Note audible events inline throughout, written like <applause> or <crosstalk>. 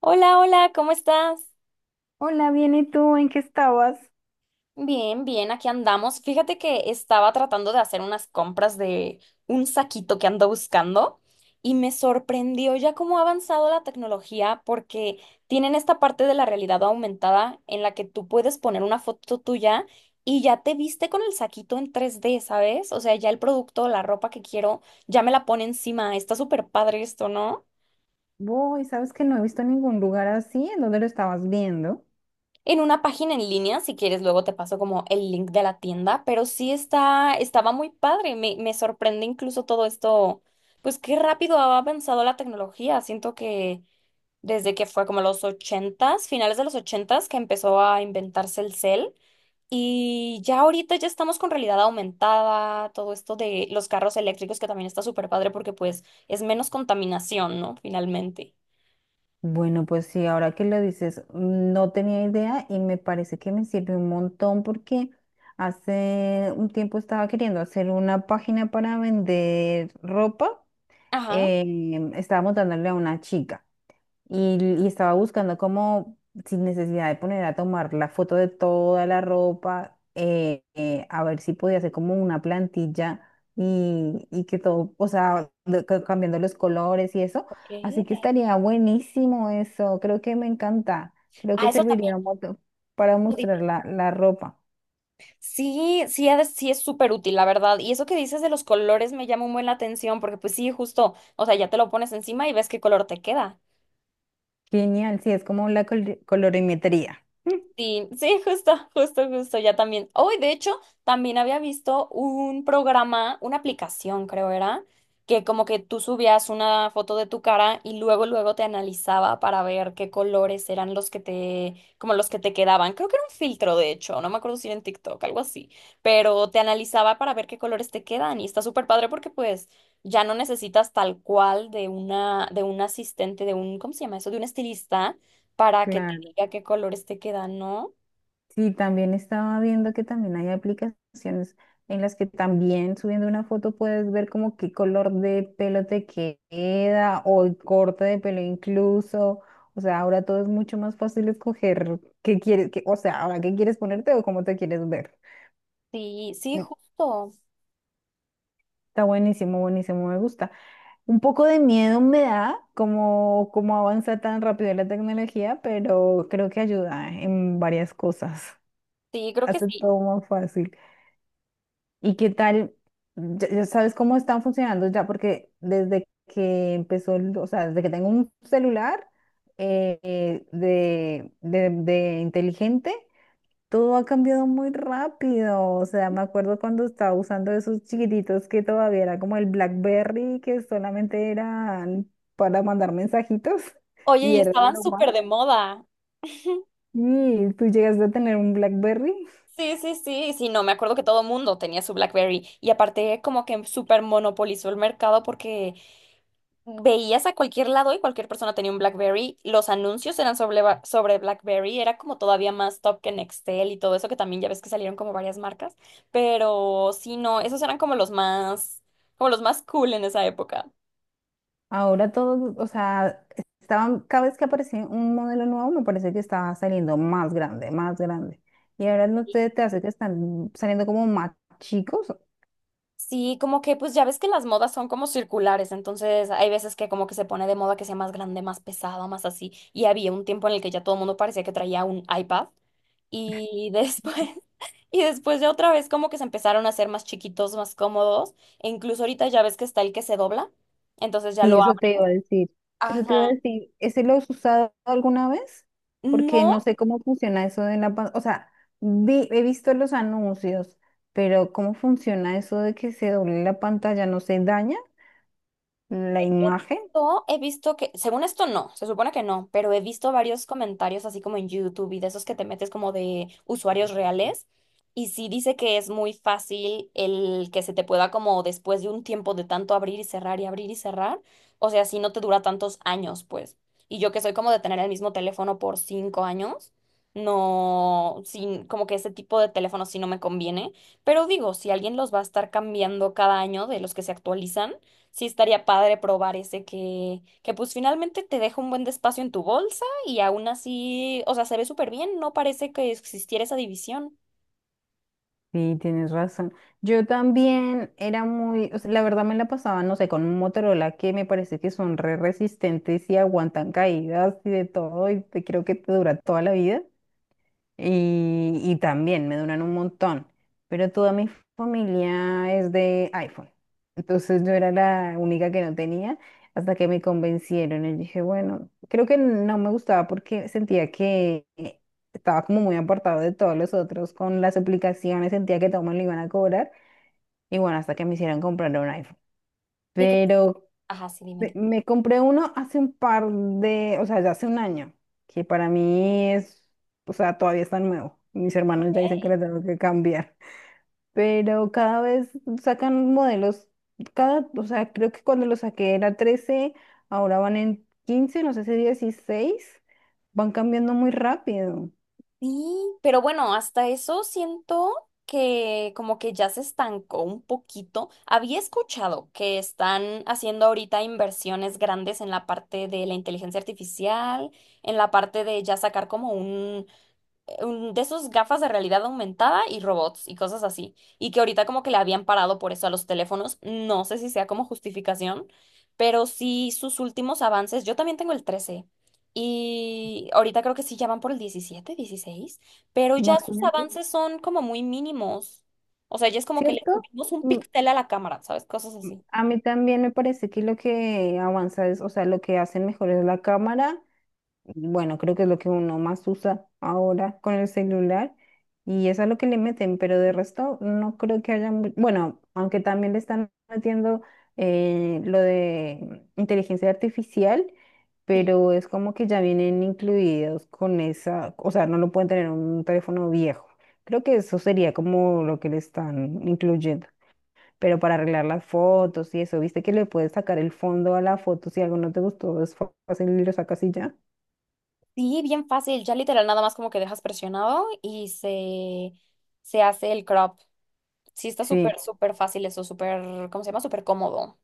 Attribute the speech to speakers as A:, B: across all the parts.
A: Hola, hola, ¿cómo estás?
B: Hola, bien, ¿y tú en qué estabas?
A: Bien, bien, aquí andamos. Fíjate que estaba tratando de hacer unas compras de un saquito que ando buscando y me sorprendió ya cómo ha avanzado la tecnología porque tienen esta parte de la realidad aumentada en la que tú puedes poner una foto tuya y ya te viste con el saquito en 3D, ¿sabes? O sea, ya el producto, la ropa que quiero, ya me la pone encima. Está súper padre esto, ¿no?
B: Voy, sabes que no he visto ningún lugar así, ¿en dónde lo estabas viendo?
A: En una página en línea, si quieres, luego te paso como el link de la tienda, pero sí está, estaba muy padre, me sorprende incluso todo esto, pues qué rápido ha avanzado la tecnología, siento que desde que fue como los ochentas, finales de los ochentas, que empezó a inventarse el cel, y ya ahorita ya estamos con realidad aumentada, todo esto de los carros eléctricos que también está súper padre porque pues es menos contaminación, ¿no? Finalmente.
B: Bueno, pues sí, ahora que lo dices, no tenía idea y me parece que me sirve un montón porque hace un tiempo estaba queriendo hacer una página para vender ropa.
A: Ajá.
B: Estaba montándole a una chica. Y, y estaba buscando como, sin necesidad de poner a tomar la foto de toda la ropa, a ver si podía hacer como una plantilla y que todo, o sea, cambiando los colores y eso.
A: Ok.
B: Así que estaría buenísimo eso. Creo que me encanta. Creo
A: Ah,
B: que
A: eso también.
B: serviría mucho para mostrar la ropa.
A: Sí, sí, sí es súper útil, la verdad. Y eso que dices de los colores me llama muy la atención porque pues sí, justo, o sea, ya te lo pones encima y ves qué color te queda.
B: Genial, sí, es como la colorimetría. <laughs>
A: Sí, sí, justo, justo, justo, ya también. Hoy, de hecho, también había visto un programa, una aplicación, creo era, que como que tú subías una foto de tu cara y luego te analizaba para ver qué colores eran los que te, como los que te quedaban. Creo que era un filtro, de hecho, no me acuerdo si era en TikTok, algo así, pero te analizaba para ver qué colores te quedan y está súper padre porque pues ya no necesitas tal cual de un asistente, de un, ¿cómo se llama eso? De un estilista para que
B: Claro.
A: te a qué colores te quedan, ¿no?
B: Sí, también estaba viendo que también hay aplicaciones en las que también subiendo una foto puedes ver como qué color de pelo te queda o el corte de pelo incluso. O sea, ahora todo es mucho más fácil escoger qué quieres, o sea, ahora qué quieres ponerte o cómo te quieres ver.
A: Sí, sí,
B: Me-
A: justo.
B: Está buenísimo, buenísimo, me gusta. Un poco de miedo me da como avanza tan rápido la tecnología, pero creo que ayuda en varias cosas.
A: Sí, creo que
B: Hace
A: sí.
B: todo más fácil. ¿Y qué tal? Ya sabes cómo están funcionando ya, porque desde que empezó, o sea, desde que tengo un celular de inteligente, todo ha cambiado muy rápido. O sea, me acuerdo cuando estaba usando esos chiquititos que todavía era como el BlackBerry, que solamente eran para mandar mensajitos <laughs>
A: Oye,
B: y
A: y
B: era
A: estaban súper
B: normal.
A: de moda.
B: Y tú llegaste a tener un BlackBerry.
A: Sí, sí, sí, sí, no, me acuerdo que todo mundo tenía su BlackBerry y aparte como que súper monopolizó el mercado porque veías a cualquier lado y cualquier persona tenía un BlackBerry, los anuncios eran sobre BlackBerry, era como todavía más top que Nextel y todo eso que también ya ves que salieron como varias marcas, pero sí, no, esos eran como los más cool en esa época.
B: Ahora todo, o sea, estaban, cada vez que aparecía un modelo nuevo, me parece que estaba saliendo más grande, más grande. Y ahora no te hace que están saliendo como más chicos.
A: Sí, como que pues ya ves que las modas son como circulares, entonces hay veces que como que se pone de moda que sea más grande, más pesado, más así. Y había un tiempo en el que ya todo el mundo parecía que traía un iPad y después <laughs> y después ya otra vez como que se empezaron a hacer más chiquitos, más cómodos, e incluso ahorita ya ves que está el que se dobla, entonces ya
B: Sí,
A: lo
B: eso te
A: abres.
B: iba a decir. Eso
A: Ajá.
B: te iba a decir. ¿Ese lo has usado alguna vez? Porque
A: No,
B: no sé cómo funciona eso o sea, he visto los anuncios, pero ¿cómo funciona eso de que se doble la pantalla? ¿No se daña la
A: He
B: imagen?
A: visto, he visto que, según esto no, se supone que no, pero he visto varios comentarios así como en YouTube y de esos que te metes como de usuarios reales. Y sí dice que es muy fácil el que se te pueda como después de un tiempo de tanto abrir y cerrar y abrir y cerrar. O sea, si no te dura tantos años, pues. Y yo que soy como de tener el mismo teléfono por 5 años, no, sin, como que ese tipo de teléfono sí no me conviene. Pero digo, si alguien los va a estar cambiando cada año de los que se actualizan. Sí, estaría padre probar ese que pues finalmente te deja un buen despacio en tu bolsa y aún así, o sea, se ve súper bien, no parece que existiera esa división.
B: Sí, tienes razón. Yo también era muy, o sea, la verdad me la pasaba, no sé, con un Motorola que me parece que son re resistentes y aguantan caídas y de todo, y creo que te dura toda la vida y también me duran un montón, pero toda mi familia es de iPhone. Entonces yo era la única que no tenía hasta que me convencieron. Y dije, bueno, creo que no me gustaba porque sentía que estaba como muy apartado de todos los otros con las aplicaciones, sentía que todo me lo iban a cobrar. Y bueno, hasta que me hicieron comprar un iPhone.
A: ¿Qué crees?
B: Pero
A: Ajá, sí, dime.
B: me
A: Dime.
B: me compré uno hace un par de, o sea, ya hace un año, que para mí es, o sea, todavía está nuevo. Mis hermanos ya dicen que
A: Ok.
B: lo tengo que cambiar. Pero cada vez sacan modelos, cada, o sea, creo que cuando lo saqué era 13, ahora van en 15, no sé si 16, van cambiando muy rápido,
A: Sí, pero bueno, hasta eso siento que como que ya se estancó un poquito. Había escuchado que están haciendo ahorita inversiones grandes en la parte de la inteligencia artificial, en la parte de ya sacar como un de esos gafas de realidad aumentada y robots y cosas así. Y que ahorita como que le habían parado por eso a los teléfonos. No sé si sea como justificación, pero sí sus últimos avances. Yo también tengo el 13 y ahorita creo que sí ya van por el 17 16 pero ya sus
B: imagínate,
A: avances son como muy mínimos. O sea, ya es como que le
B: ¿cierto?
A: subimos un
B: Mm,
A: píxel a la cámara, ¿sabes? Cosas así.
B: A mí también me parece que lo que avanza es, o sea, lo que hacen mejor es la cámara, bueno, creo que es lo que uno más usa ahora con el celular y eso es lo que le meten, pero de resto no creo que haya, bueno, aunque también le están metiendo lo de inteligencia artificial,
A: Sí,
B: pero es como que ya vienen incluidos con esa, o sea, no lo pueden tener en un teléfono viejo. Creo que eso sería como lo que le están incluyendo. Pero para arreglar las fotos y eso, viste que le puedes sacar el fondo a la foto si algo no te gustó, es fácil y lo sacas y ya.
A: sí, bien fácil. Ya literal nada más como que dejas presionado y se hace el crop. Sí, está
B: Sí.
A: súper, súper fácil eso, súper, ¿cómo se llama? Súper cómodo.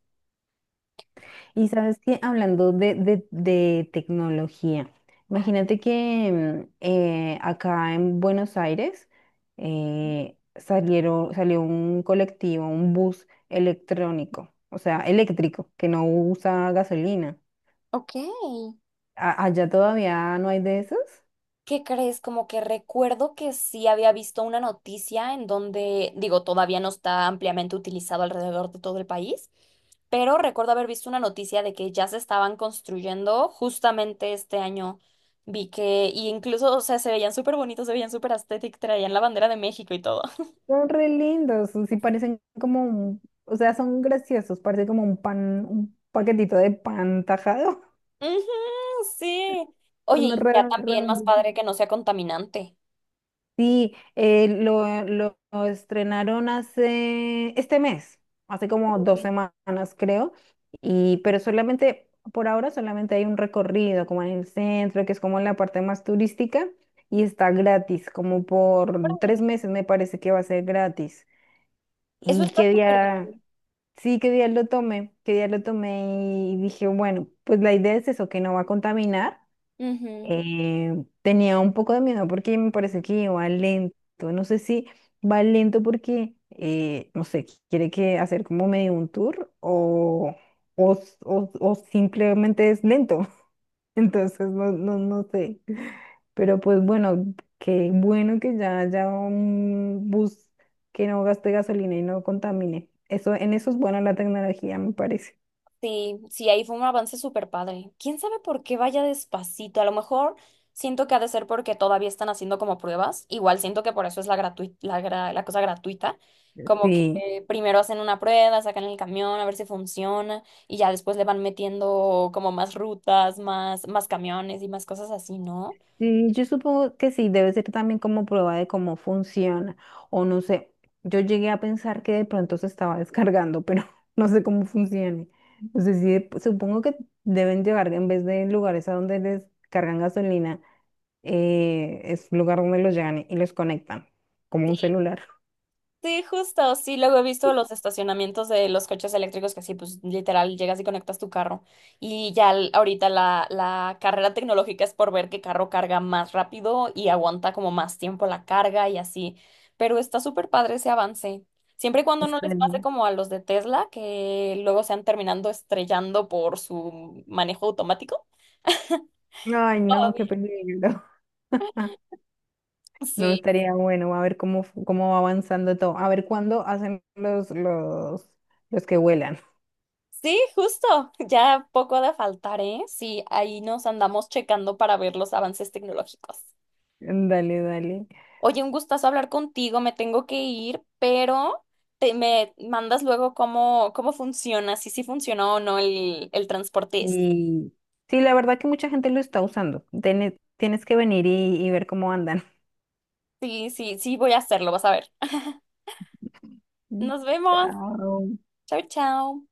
B: Y sabes que hablando de tecnología,
A: Ah,
B: imagínate que acá en Buenos Aires salió un colectivo, un bus electrónico, o sea, eléctrico, que no usa gasolina.
A: ok.
B: Allá todavía no hay de esos.
A: ¿Qué crees? Como que recuerdo que sí había visto una noticia en donde, digo, todavía no está ampliamente utilizado alrededor de todo el país, pero recuerdo haber visto una noticia de que ya se estaban construyendo justamente este año. Vi que, y incluso, o sea, se veían súper bonitos, se veían súper aesthetic, traían la bandera de México y todo. <laughs>
B: Son re lindos, sí parecen como un, o sea, son graciosos, parece como un pan, un paquetito de pan tajado.
A: Ujú, sí.
B: <laughs>
A: Oye,
B: Son
A: y ya también más
B: redondos.
A: padre que no sea contaminante.
B: Sí, lo estrenaron hace este mes, hace como dos
A: Uy,
B: semanas creo, y pero solamente, por ahora solamente hay un recorrido como en el centro, que es como la parte más turística, y está gratis, como por tres
A: órale.
B: meses me parece que va a ser gratis.
A: Eso
B: Y
A: está
B: qué
A: súper
B: día,
A: bien.
B: sí, qué día lo tomé, qué día lo tomé y dije, bueno, pues la idea es eso, que no va a contaminar.
A: Ujú.
B: Tenía un poco de miedo porque me parece que va lento. No sé si va lento porque, no sé, quiere que hacer como medio un tour o, o simplemente es lento. <laughs> Entonces, no, no, no sé. Pero pues bueno, qué bueno que ya haya un bus que no gaste gasolina y no contamine. Eso, en eso es buena la tecnología, me parece.
A: Sí, sí, ahí fue un avance súper padre. ¿Quién sabe por qué vaya despacito? A lo mejor siento que ha de ser porque todavía están haciendo como pruebas. Igual siento que por eso es la gratuita, la cosa gratuita. Como que
B: Sí.
A: primero hacen una prueba, sacan el camión a ver si funciona y ya después le van metiendo como más rutas, más camiones y más cosas así, ¿no?
B: Yo supongo que sí, debe ser también como prueba de cómo funciona, o no sé, yo llegué a pensar que de pronto se estaba descargando, pero <laughs> no sé cómo funcione. No sé si supongo que deben llegar en vez de lugares a donde les cargan gasolina, es lugar donde los llegan y los conectan, como un celular.
A: Sí, justo, sí, luego he visto los estacionamientos de los coches eléctricos que así, pues literal, llegas y conectas tu carro. Y ya ahorita la carrera tecnológica es por ver qué carro carga más rápido y aguanta como más tiempo la carga y así. Pero está súper padre ese avance. Siempre y cuando no les pase
B: Estaría-
A: como a los de Tesla, que luego se han terminando estrellando por su manejo automático.
B: Ay, no, qué
A: Todavía.
B: peligro. <laughs> No
A: Sí.
B: estaría bueno. A ver cómo va avanzando todo. A ver cuándo hacen los que vuelan.
A: Sí, justo, ya poco ha de faltar, ¿eh? Sí, ahí nos andamos checando para ver los avances tecnológicos.
B: <laughs> Dale, dale.
A: Oye, un gustazo hablar contigo, me tengo que ir, pero te me mandas luego cómo funciona, si sí funcionó o no el transporte este.
B: Y sí, la verdad que mucha gente lo está usando. Tienes que venir y ver cómo andan.
A: Sí, sí, sí, voy a hacerlo, vas a ver.
B: <laughs>
A: Nos vemos.
B: Chao.
A: Chao, chao.